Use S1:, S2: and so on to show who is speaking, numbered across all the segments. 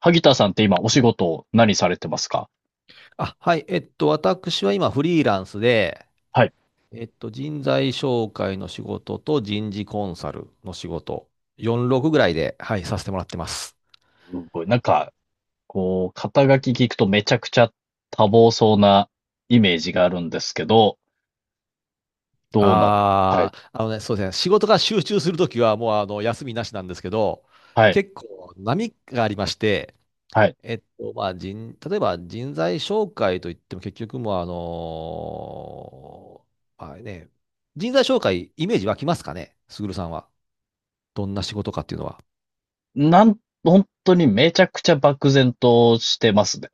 S1: 萩田さんって今お仕事何されてますか？
S2: あ、はい。私は今フリーランスで、
S1: はい。
S2: 人材紹介の仕事と人事コンサルの仕事、46ぐらいで、はい、させてもらってます。
S1: すごい。こう、肩書き聞くとめちゃくちゃ多忙そうなイメージがあるんですけど、どうなんですか？はい。
S2: ああのね、そうですね。仕事が集中するときはもう休みなしなんですけど、
S1: はい。
S2: 結構波がありまして、
S1: はい。
S2: 例えば人材紹介といっても結局もうまあね、人材紹介イメージ湧きますかね、すぐるさんは。どんな仕事かっていうのは。
S1: 本当にめちゃくちゃ漠然としてますね。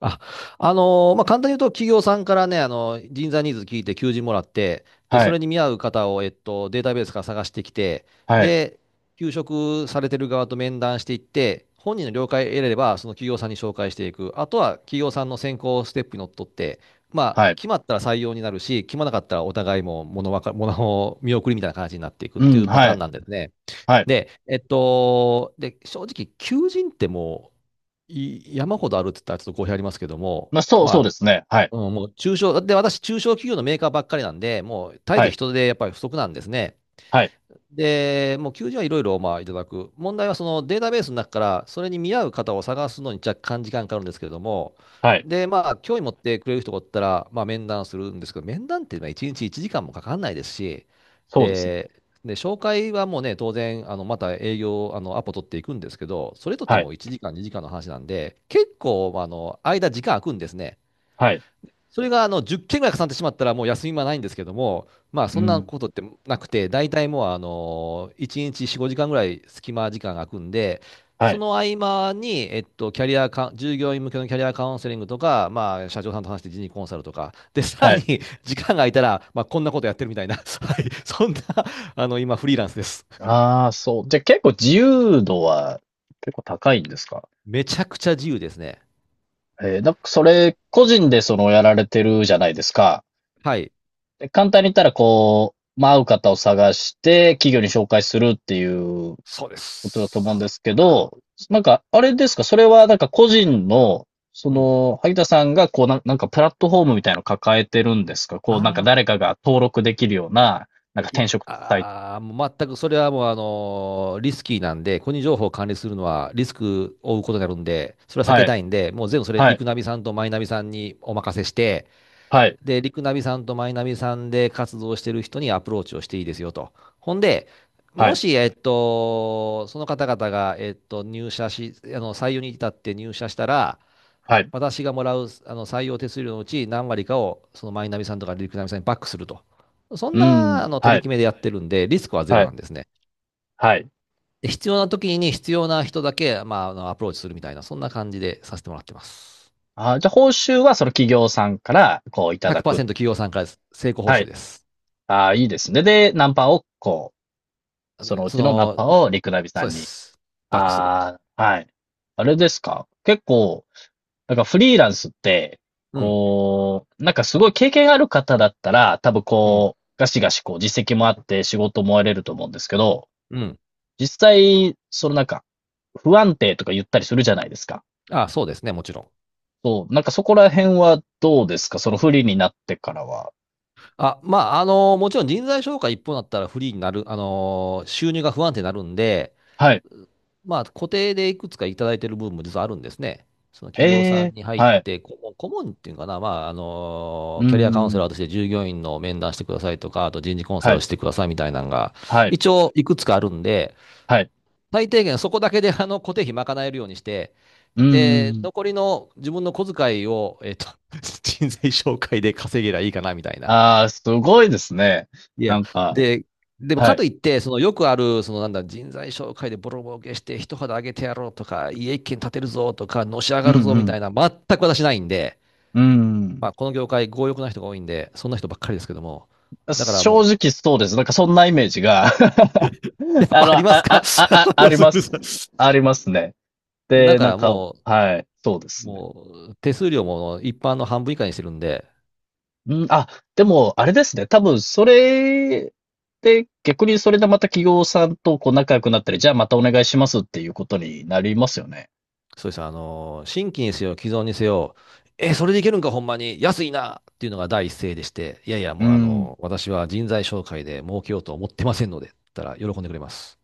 S2: あ、まあ、簡単に言うと、企業さんからね、人材ニーズ聞いて求人もらって、で、
S1: は
S2: そ
S1: い。
S2: れに見合う方を、データベースから探してきて、
S1: はい。
S2: で、求職されてる側と面談していって、本人の了解を得れれば、その企業さんに紹介していく。あとは、企業さんの選考ステップにのっとって、ま
S1: は
S2: あ、
S1: い。
S2: 決まったら採用になるし、決まらなかったらお互いも物わか、物を見送りみたいな感じになっていくっ
S1: う
S2: て
S1: ん、
S2: いうパタ
S1: は
S2: ーン
S1: い。
S2: なんですね。
S1: はい。
S2: で、正直、求人ってもう、山ほどあるって言ったらちょっと語弊ありますけども、
S1: まあ、
S2: ま
S1: そう
S2: あ、
S1: ですね。はい。
S2: うん、もう中小、で、私、中小企業のメーカーばっかりなんで、もう絶え
S1: は
S2: ず
S1: い。
S2: 人手やっぱり不足なんですね。
S1: はい。
S2: で、もう求人はいろいろまあいただく。問題はそのデータベースの中からそれに見合う方を探すのに若干時間かかるんですけれども、
S1: はい。
S2: で、まあ興味持ってくれる人がおったら、まあ面談するんですけど、面談っていうのは1日1時間もかかんないですし、
S1: そうですね。
S2: で、で紹介はもうね、当然、また営業、アポ取っていくんですけど、それとって
S1: はい。
S2: も1時間、2時間の話なんで、結構、まあ間、時間空くんですね。
S1: はい。
S2: それが10件ぐらい重なってしまったら、もう休みはないんですけども、まあ
S1: う
S2: そんな
S1: ん。
S2: ことってなくて、大体もう1日4、5時間ぐらい隙間時間が空くんで、
S1: は
S2: そ
S1: い。
S2: の合間に、えっと、キャリアか、従業員向けのキャリアカウンセリングとか、まあ、社長さんと話して人事コンサルとか、で、さ
S1: は
S2: らに
S1: い。
S2: 時間が空いたら、まあ、こんなことやってるみたいな、はい、そんな、あの、今、フリーランスです。
S1: ああ、そう。じゃあ結構自由度は結構高いんですか？
S2: めちゃくちゃ自由ですね。
S1: だそれ、個人でそのやられてるじゃないですか。
S2: はい、
S1: で簡単に言ったら、こう、まあ、合う方を探して、企業に紹介するっていう
S2: そうで
S1: ことだと思うんで
S2: す。
S1: すけど、なんか、あれですか、それはなんか個人の、そ
S2: うん。
S1: の、萩田さんが、なんかプラットフォームみたいなの抱えてるんですか？こう、なんか
S2: あ
S1: 誰かが登録できるような、なんか
S2: い
S1: 転
S2: や、
S1: 職サイト。
S2: もう全くそれはもう、リスキーなんで、個人情報を管理するのはリスクを負うことになるんで、それは避
S1: は
S2: け
S1: い、
S2: たいんで、もう全部それ、
S1: は
S2: リ
S1: い、
S2: クナビさんとマイナビさんにお任せして、
S1: はい、
S2: で、リクナビさんとマイナビさんで活動してる人にアプローチをしていいですよと。ほんで、
S1: は
S2: も
S1: い、
S2: し、その方々が、えっと、入社し、あの、採用に至って入社したら、
S1: はい。
S2: 私がもらう採用手数料のうち何割かをそのマイナビさんとかリクナビさんにバックすると。そん
S1: う
S2: な
S1: ん、
S2: 取り決めでやってるんで、リスクはゼ
S1: は
S2: ロな
S1: い、
S2: んですね。
S1: はい。
S2: で必要な時に必要な人だけ、まあ、アプローチするみたいな、そんな感じでさせてもらってます。
S1: あ、じゃあ報酬はその企業さんから、こう、いただく。
S2: 100%企業さんからです。成功報
S1: は
S2: 酬
S1: い。
S2: です。
S1: ああ、いいですね。で、ナンパをこう、そのう
S2: そ
S1: ちのナン
S2: の、
S1: パをリクナビさ
S2: そう
S1: ん
S2: で
S1: に。
S2: す。バックする。
S1: ああ、はい。あれですか結構、なんかフリーランスって、
S2: うん、
S1: こう、なんかすごい経験ある方だったら、多分
S2: うん、
S1: こう、ガシガシこう実績もあって仕事も得れると思うんですけど、
S2: うん。
S1: 実際、そのなんか、不安定とか言ったりするじゃないですか。
S2: あ、そうですね、もちろん。
S1: そう、なんかそこら辺はどうですか？その不利になってからは。
S2: もちろん人材紹介一方だったらフリーになる、収入が不安定になるんで、
S1: はい。
S2: まあ、固定でいくつかいただいてる部分も実はあるんですね。その
S1: え
S2: 企業さん
S1: え、
S2: に入っ
S1: はい。
S2: て、顧問っていうのかな、
S1: う
S2: キャリアカウンセ
S1: ん、
S2: ラーとして従業員の面談してくださいとか、あと人事コンサ
S1: は
S2: ルを
S1: い、
S2: してくださいみたいなのが、
S1: はい、
S2: 一応いくつかあるんで、
S1: はい。
S2: 最低限そこだけで固定費賄えるようにして、
S1: うんうんう
S2: で、
S1: ん。
S2: 残りの自分の小遣いを、人材紹介で稼げりゃいいかなみたいな。
S1: ああ、すごいですね。
S2: い
S1: な
S2: や、
S1: んか、
S2: で、でも
S1: は
S2: か
S1: い。
S2: といって、そのよくある、そのなんだ、人材紹介でボロボロ受けして、一肌上げてやろうとか、家一軒建てるぞとか、のし上
S1: うん
S2: がるぞ
S1: う
S2: みた
S1: ん。
S2: いな、全く私ないんで、
S1: う
S2: ま
S1: ん。
S2: あ、この業界、強欲な人が多いんで、そんな人ばっかりですけども、だから
S1: 正
S2: もう、
S1: 直そうです。なんかそんなイメージが
S2: やっ
S1: あ
S2: ぱあ
S1: の、
S2: りますか
S1: あ、あり
S2: す
S1: ま
S2: ぐる
S1: す。
S2: さん。
S1: ありますね。
S2: だ
S1: で、
S2: か
S1: なん
S2: ら
S1: か、
S2: も
S1: はい、そうで
S2: う、
S1: すね。
S2: もう、手数料も一般の半分以下にしてるんで、
S1: うん、あ、でも、あれですね。多分、それで、逆にそれでまた企業さんとこう仲良くなったり、じゃあまたお願いしますっていうことになりますよね。
S2: そうです。新規にせよ、既存にせよ、え、それでいけるんか、ほんまに、安いなっていうのが第一声でして、いやいや、
S1: う
S2: もう
S1: ん。
S2: 私は人材紹介で儲けようと思ってませんので、って言ったら喜んでくれます。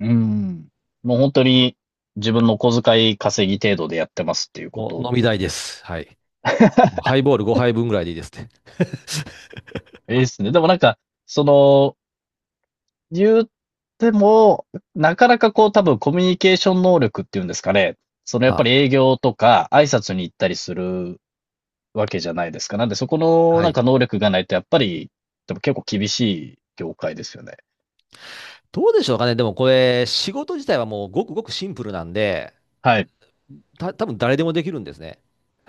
S1: うん。もう本当に自分の小遣い稼ぎ程度でやってますっていうこ
S2: もう
S1: と
S2: 飲み代です。はい。もうハイボール5杯分ぐらいでいいですね。
S1: ですね。でもなんか、その、言っても、なかなかこう多分コミュニケーション能力っていうんですかね。そのやっぱ
S2: は、
S1: り営業とか挨拶に行ったりするわけじゃないですか。なんでそこの
S2: は
S1: なん
S2: い。
S1: か能力がないとやっぱり、でも結構厳しい業界ですよね。
S2: どうでしょうかね。でもこれ、仕事自体はもうごくごくシンプルなんで、
S1: はい。
S2: 多分誰でもできるんですね。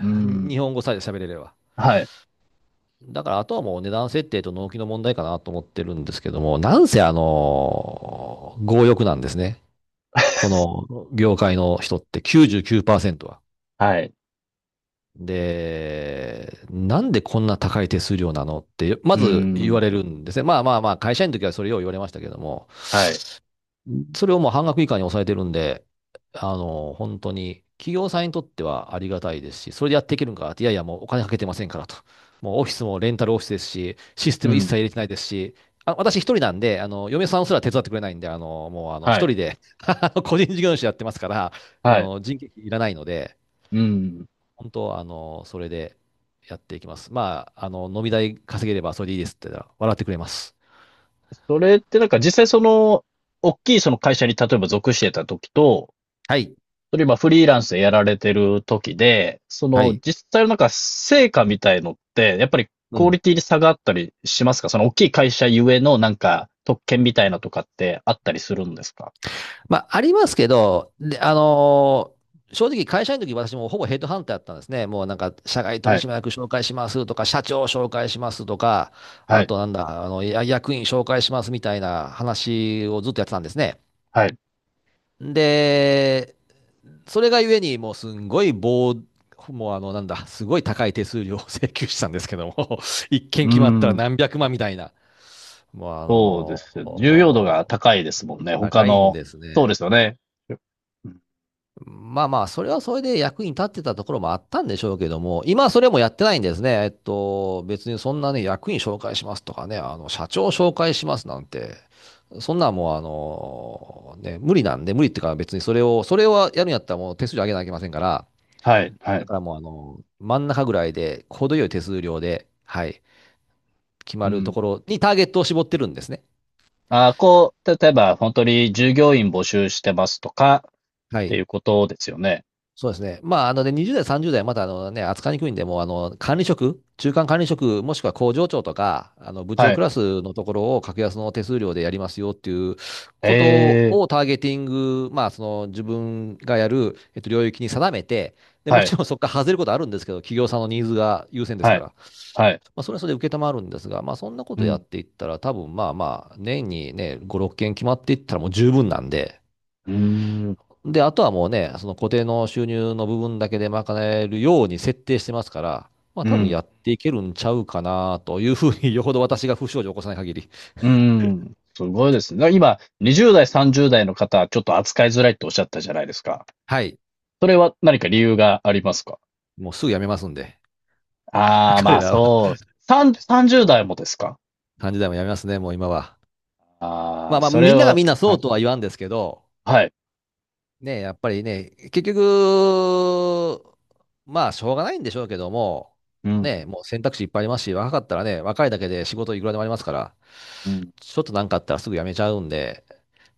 S1: う ん。
S2: 日本語さえ喋れれば。
S1: はい。
S2: だからあとはもう値段設定と納期の問題かなと思ってるんですけども、なんせ強欲なんですね。こ の業界の人って99%は。
S1: はい。
S2: で、なんでこんな高い手数料なのって、ま
S1: う
S2: ず言わ
S1: ん。
S2: れるんですね。まあまあまあ、会社員の時はそれを言われましたけども、
S1: はい。
S2: それをもう半額以下に抑えてるんで、本当に、企業さんにとってはありがたいですし、それでやっていけるんかって、いやいや、もうお金かけてませんからと。もうオフィスもレンタルオフィスですし、システ
S1: う
S2: ム一
S1: ん。
S2: 切入れてないですし、あ、私一人なんで、嫁さんすら手伝ってくれないんで、あの、もうあの、
S1: は
S2: 一
S1: い。
S2: 人で 個人事業主やってますから、
S1: はい。
S2: 人件費いらないので、
S1: うん。
S2: 本当、それでやっていきます。まあ、飲み代稼げればそれでいいですって言ったら、笑ってくれます。
S1: それってなんか実際その、大きいその会社に例えば属してた時と、
S2: はい。
S1: それ今フリーランスでやられてる時で、そ
S2: は
S1: の
S2: い。
S1: 実際のなんか成果みたいのって、やっぱり
S2: う
S1: クオリ
S2: ん。
S1: ティに差があったりしますか？その大きい会社ゆえのなんか特権みたいなとかってあったりするんですか？
S2: まあ、ありますけど、で、正直会社員の時私もほぼヘッドハンターだったんですね。もうなんか、社外取
S1: はい、
S2: 締役紹介しますとか、社長紹介しますとか、
S1: は
S2: あ
S1: い、
S2: となんだ、あの、や役員紹介しますみたいな話をずっとやってたんですね。
S1: はい。
S2: で、それがゆえに、もうあの、なんだ、すごい高い手数料を請求したんですけども、一件
S1: う
S2: 決まったら
S1: ん、
S2: 何百万みたいな。もう
S1: そうですよ。重要度が高いですもんね。他
S2: 高いん
S1: の、
S2: です
S1: そうで
S2: ね。
S1: すよね。うん、
S2: まあまあ、それはそれで役に立ってたところもあったんでしょうけども、今はそれもやってないんですね。別にそんなね、役員紹介しますとかね、社長紹介しますなんて、そんなんもうね、無理なんで、無理っていうか別にそれをやるんやったらもう手数料上げなきゃいけませんから、
S1: は
S2: だ
S1: い。
S2: からもう真ん中ぐらいで、程よい手数料で、はい、決ま
S1: う
S2: ると
S1: ん、
S2: ころにターゲットを絞ってるんですね。
S1: あーこう、例えば本当に従業員募集してますとかっ
S2: は
S1: てい
S2: い。
S1: うことですよね。
S2: そうですね。まあ、で、20代、30代また、扱いにくいんで、もう、管理職、中間管理職、もしくは工場長とか、部
S1: は
S2: 長
S1: い。
S2: クラスのところを格安の手数料でやりますよっていう
S1: え
S2: こと
S1: え、
S2: をターゲティング、まあ、自分がやる、領域に定めて、で、も
S1: はい、
S2: ちろんそこから外れることあるんですけど、企業さんのニーズが優先です
S1: は
S2: か
S1: い、
S2: ら、ま
S1: はい。
S2: あ、それはそれで承るんですが、まあ、そんなこ
S1: う
S2: とやっ
S1: ん、
S2: ていったら、多分、まあまあ、年にね、5、6件決まっていったらもう十分なんで、
S1: うーん、
S2: で、あとはもうね、その固定の収入の部分だけで賄えるように設定してますから、まあ
S1: う
S2: 多分
S1: ん、
S2: やっていけるんちゃうかなというふうに、よほど私が不祥事を起こさない限り、
S1: うん。すごいですね。今、20代、30代の方はちょっと扱いづらいっておっしゃったじゃないですか。
S2: はい、
S1: それは何か理由がありますか？
S2: もうすぐ辞めますんで、
S1: ああー、ま
S2: 彼
S1: あ、
S2: らは
S1: そう、さん30代もですか？
S2: 3時代も辞 めますね、もう今は。
S1: あ
S2: ま
S1: あ
S2: あ
S1: ー、
S2: まあ、
S1: それ
S2: みんなが
S1: は
S2: みんな
S1: は
S2: そ
S1: い、
S2: うとは言わんですけど、
S1: はい。
S2: ね、やっぱりね、結局、まあ、しょうがないんでしょうけども、
S1: うん、
S2: ね、もう選択肢いっぱいありますし、若かったらね、若いだけで仕事いくらでもありますから、
S1: うん。
S2: ちょっとなんかあったらすぐ辞めちゃうんで、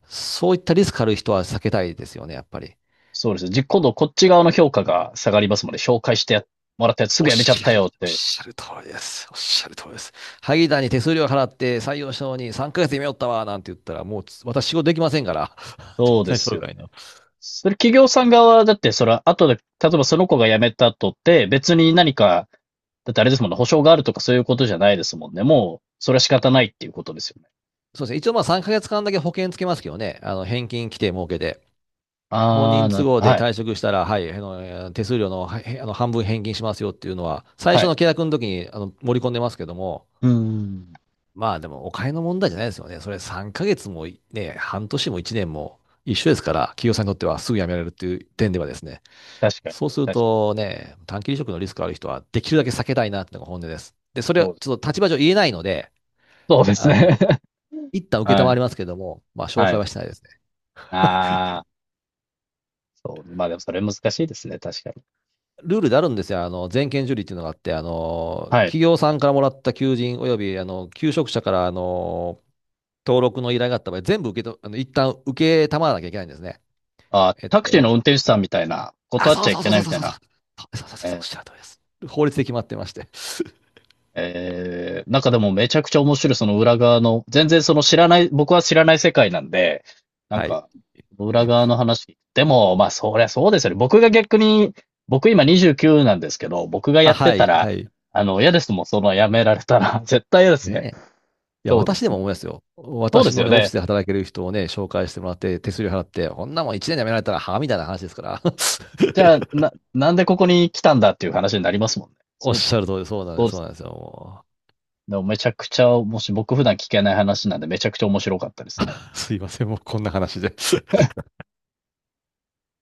S2: そういったリスクある人は避けたいですよね、やっぱり。
S1: そうです。じ今度こっち側の評価が下がりますので、紹介してやもらったやつす
S2: お
S1: ぐ
S2: っ
S1: やめちゃっ
S2: しゃ
S1: た
S2: る、
S1: よっ
S2: おっ
S1: て。
S2: しゃる通りです。おっしゃる通りです。萩田に手数料払って採用したのに3ヶ月で辞めよったわ、なんて言ったら、もう私仕事できませんから。人
S1: そうで
S2: 材
S1: す
S2: 紹
S1: よ
S2: 介
S1: ね。
S2: の。
S1: それ企業さん側だって、それは後で、例えばその子が辞めた後って、別に何か、だってあれですもんね、保証があるとかそういうことじゃないですもんね。もう、それは仕方ないっていうことですよね。
S2: そうですね。一応まあ3ヶ月間だけ保険つけますけどね。返金規定設けて。本
S1: あー、
S2: 人
S1: なる
S2: 都
S1: ほ
S2: 合
S1: ど。
S2: で
S1: はい。
S2: 退職したら、はい、手数料の、はいへ半分返金しますよっていうのは、最
S1: は
S2: 初
S1: い。
S2: の契約の時に盛り込んでますけども、
S1: うーん。
S2: まあでもお金の問題じゃないですよね。それ3ヶ月もいね、半年も1年も一緒ですから、企業さんにとってはすぐ辞められるっていう点ではですね、
S1: 確かに。
S2: そうする
S1: 確かに。
S2: とね、短期離職のリスクある人はできるだけ避けたいなっていうのが本音です。で、それは
S1: そうで
S2: ち
S1: す。
S2: ょっと立場上言えないので、
S1: そうです
S2: あの、
S1: ね。
S2: 一旦
S1: は
S2: 承
S1: い。
S2: りますけども、まあ紹
S1: は
S2: 介
S1: い。
S2: はしないですね。
S1: あー。そう。まあでもそれ難しいですね。確かに。
S2: ルールであるんですよ。全件受理っていうのがあって、
S1: はい。
S2: 企業さんからもらった求人および、求職者から、登録の依頼があった場合、全部受けと、一旦受けたまわなきゃいけないんですね。
S1: あ、
S2: えっ
S1: タクシーの
S2: と、
S1: 運転手さんみたいな、
S2: あ、
S1: 断っち
S2: そ
S1: ゃ
S2: う
S1: い
S2: そう
S1: け
S2: そう
S1: な
S2: そ
S1: い
S2: う
S1: み
S2: そう
S1: たい
S2: そうそう。
S1: な。
S2: そうそうそうそう、お
S1: え
S2: っ
S1: ー、
S2: しゃる通りです。法律で決まってまして。
S1: えーなんかでもめちゃくちゃ面白い、その裏側の、全然その知らない、僕は知らない世界なんで、なん
S2: はい。
S1: か、裏側の話。でも、まあそりゃそうですよね。僕が逆に、僕今29なんですけど、僕が
S2: あ、
S1: やって
S2: は
S1: た
S2: い、は
S1: ら、
S2: い。
S1: あの、嫌ですもん、そのやめられたら。絶対嫌ですね。
S2: ねえ。いや、
S1: そうで
S2: 私で
S1: す
S2: も
S1: ね。
S2: 思いますよ。
S1: そうで
S2: 私
S1: す
S2: の
S1: よ
S2: ね、オフィ
S1: ね。
S2: スで働ける人をね、紹介してもらって、手数料払って、こんなもん1年で辞められたら、はみたいな話ですから。
S1: じゃあ、な、なんでここに来たんだっていう話になりますもんね。
S2: おっ
S1: そうで
S2: し
S1: す。
S2: ゃる通り、そうなん
S1: そ
S2: で
S1: う
S2: す、
S1: で
S2: そう
S1: す。
S2: なんですよ。も
S1: でもめちゃくちゃ、もし僕普段聞けない話なんで、めちゃくちゃ面白かったです。
S2: うすいません、もうこんな話で。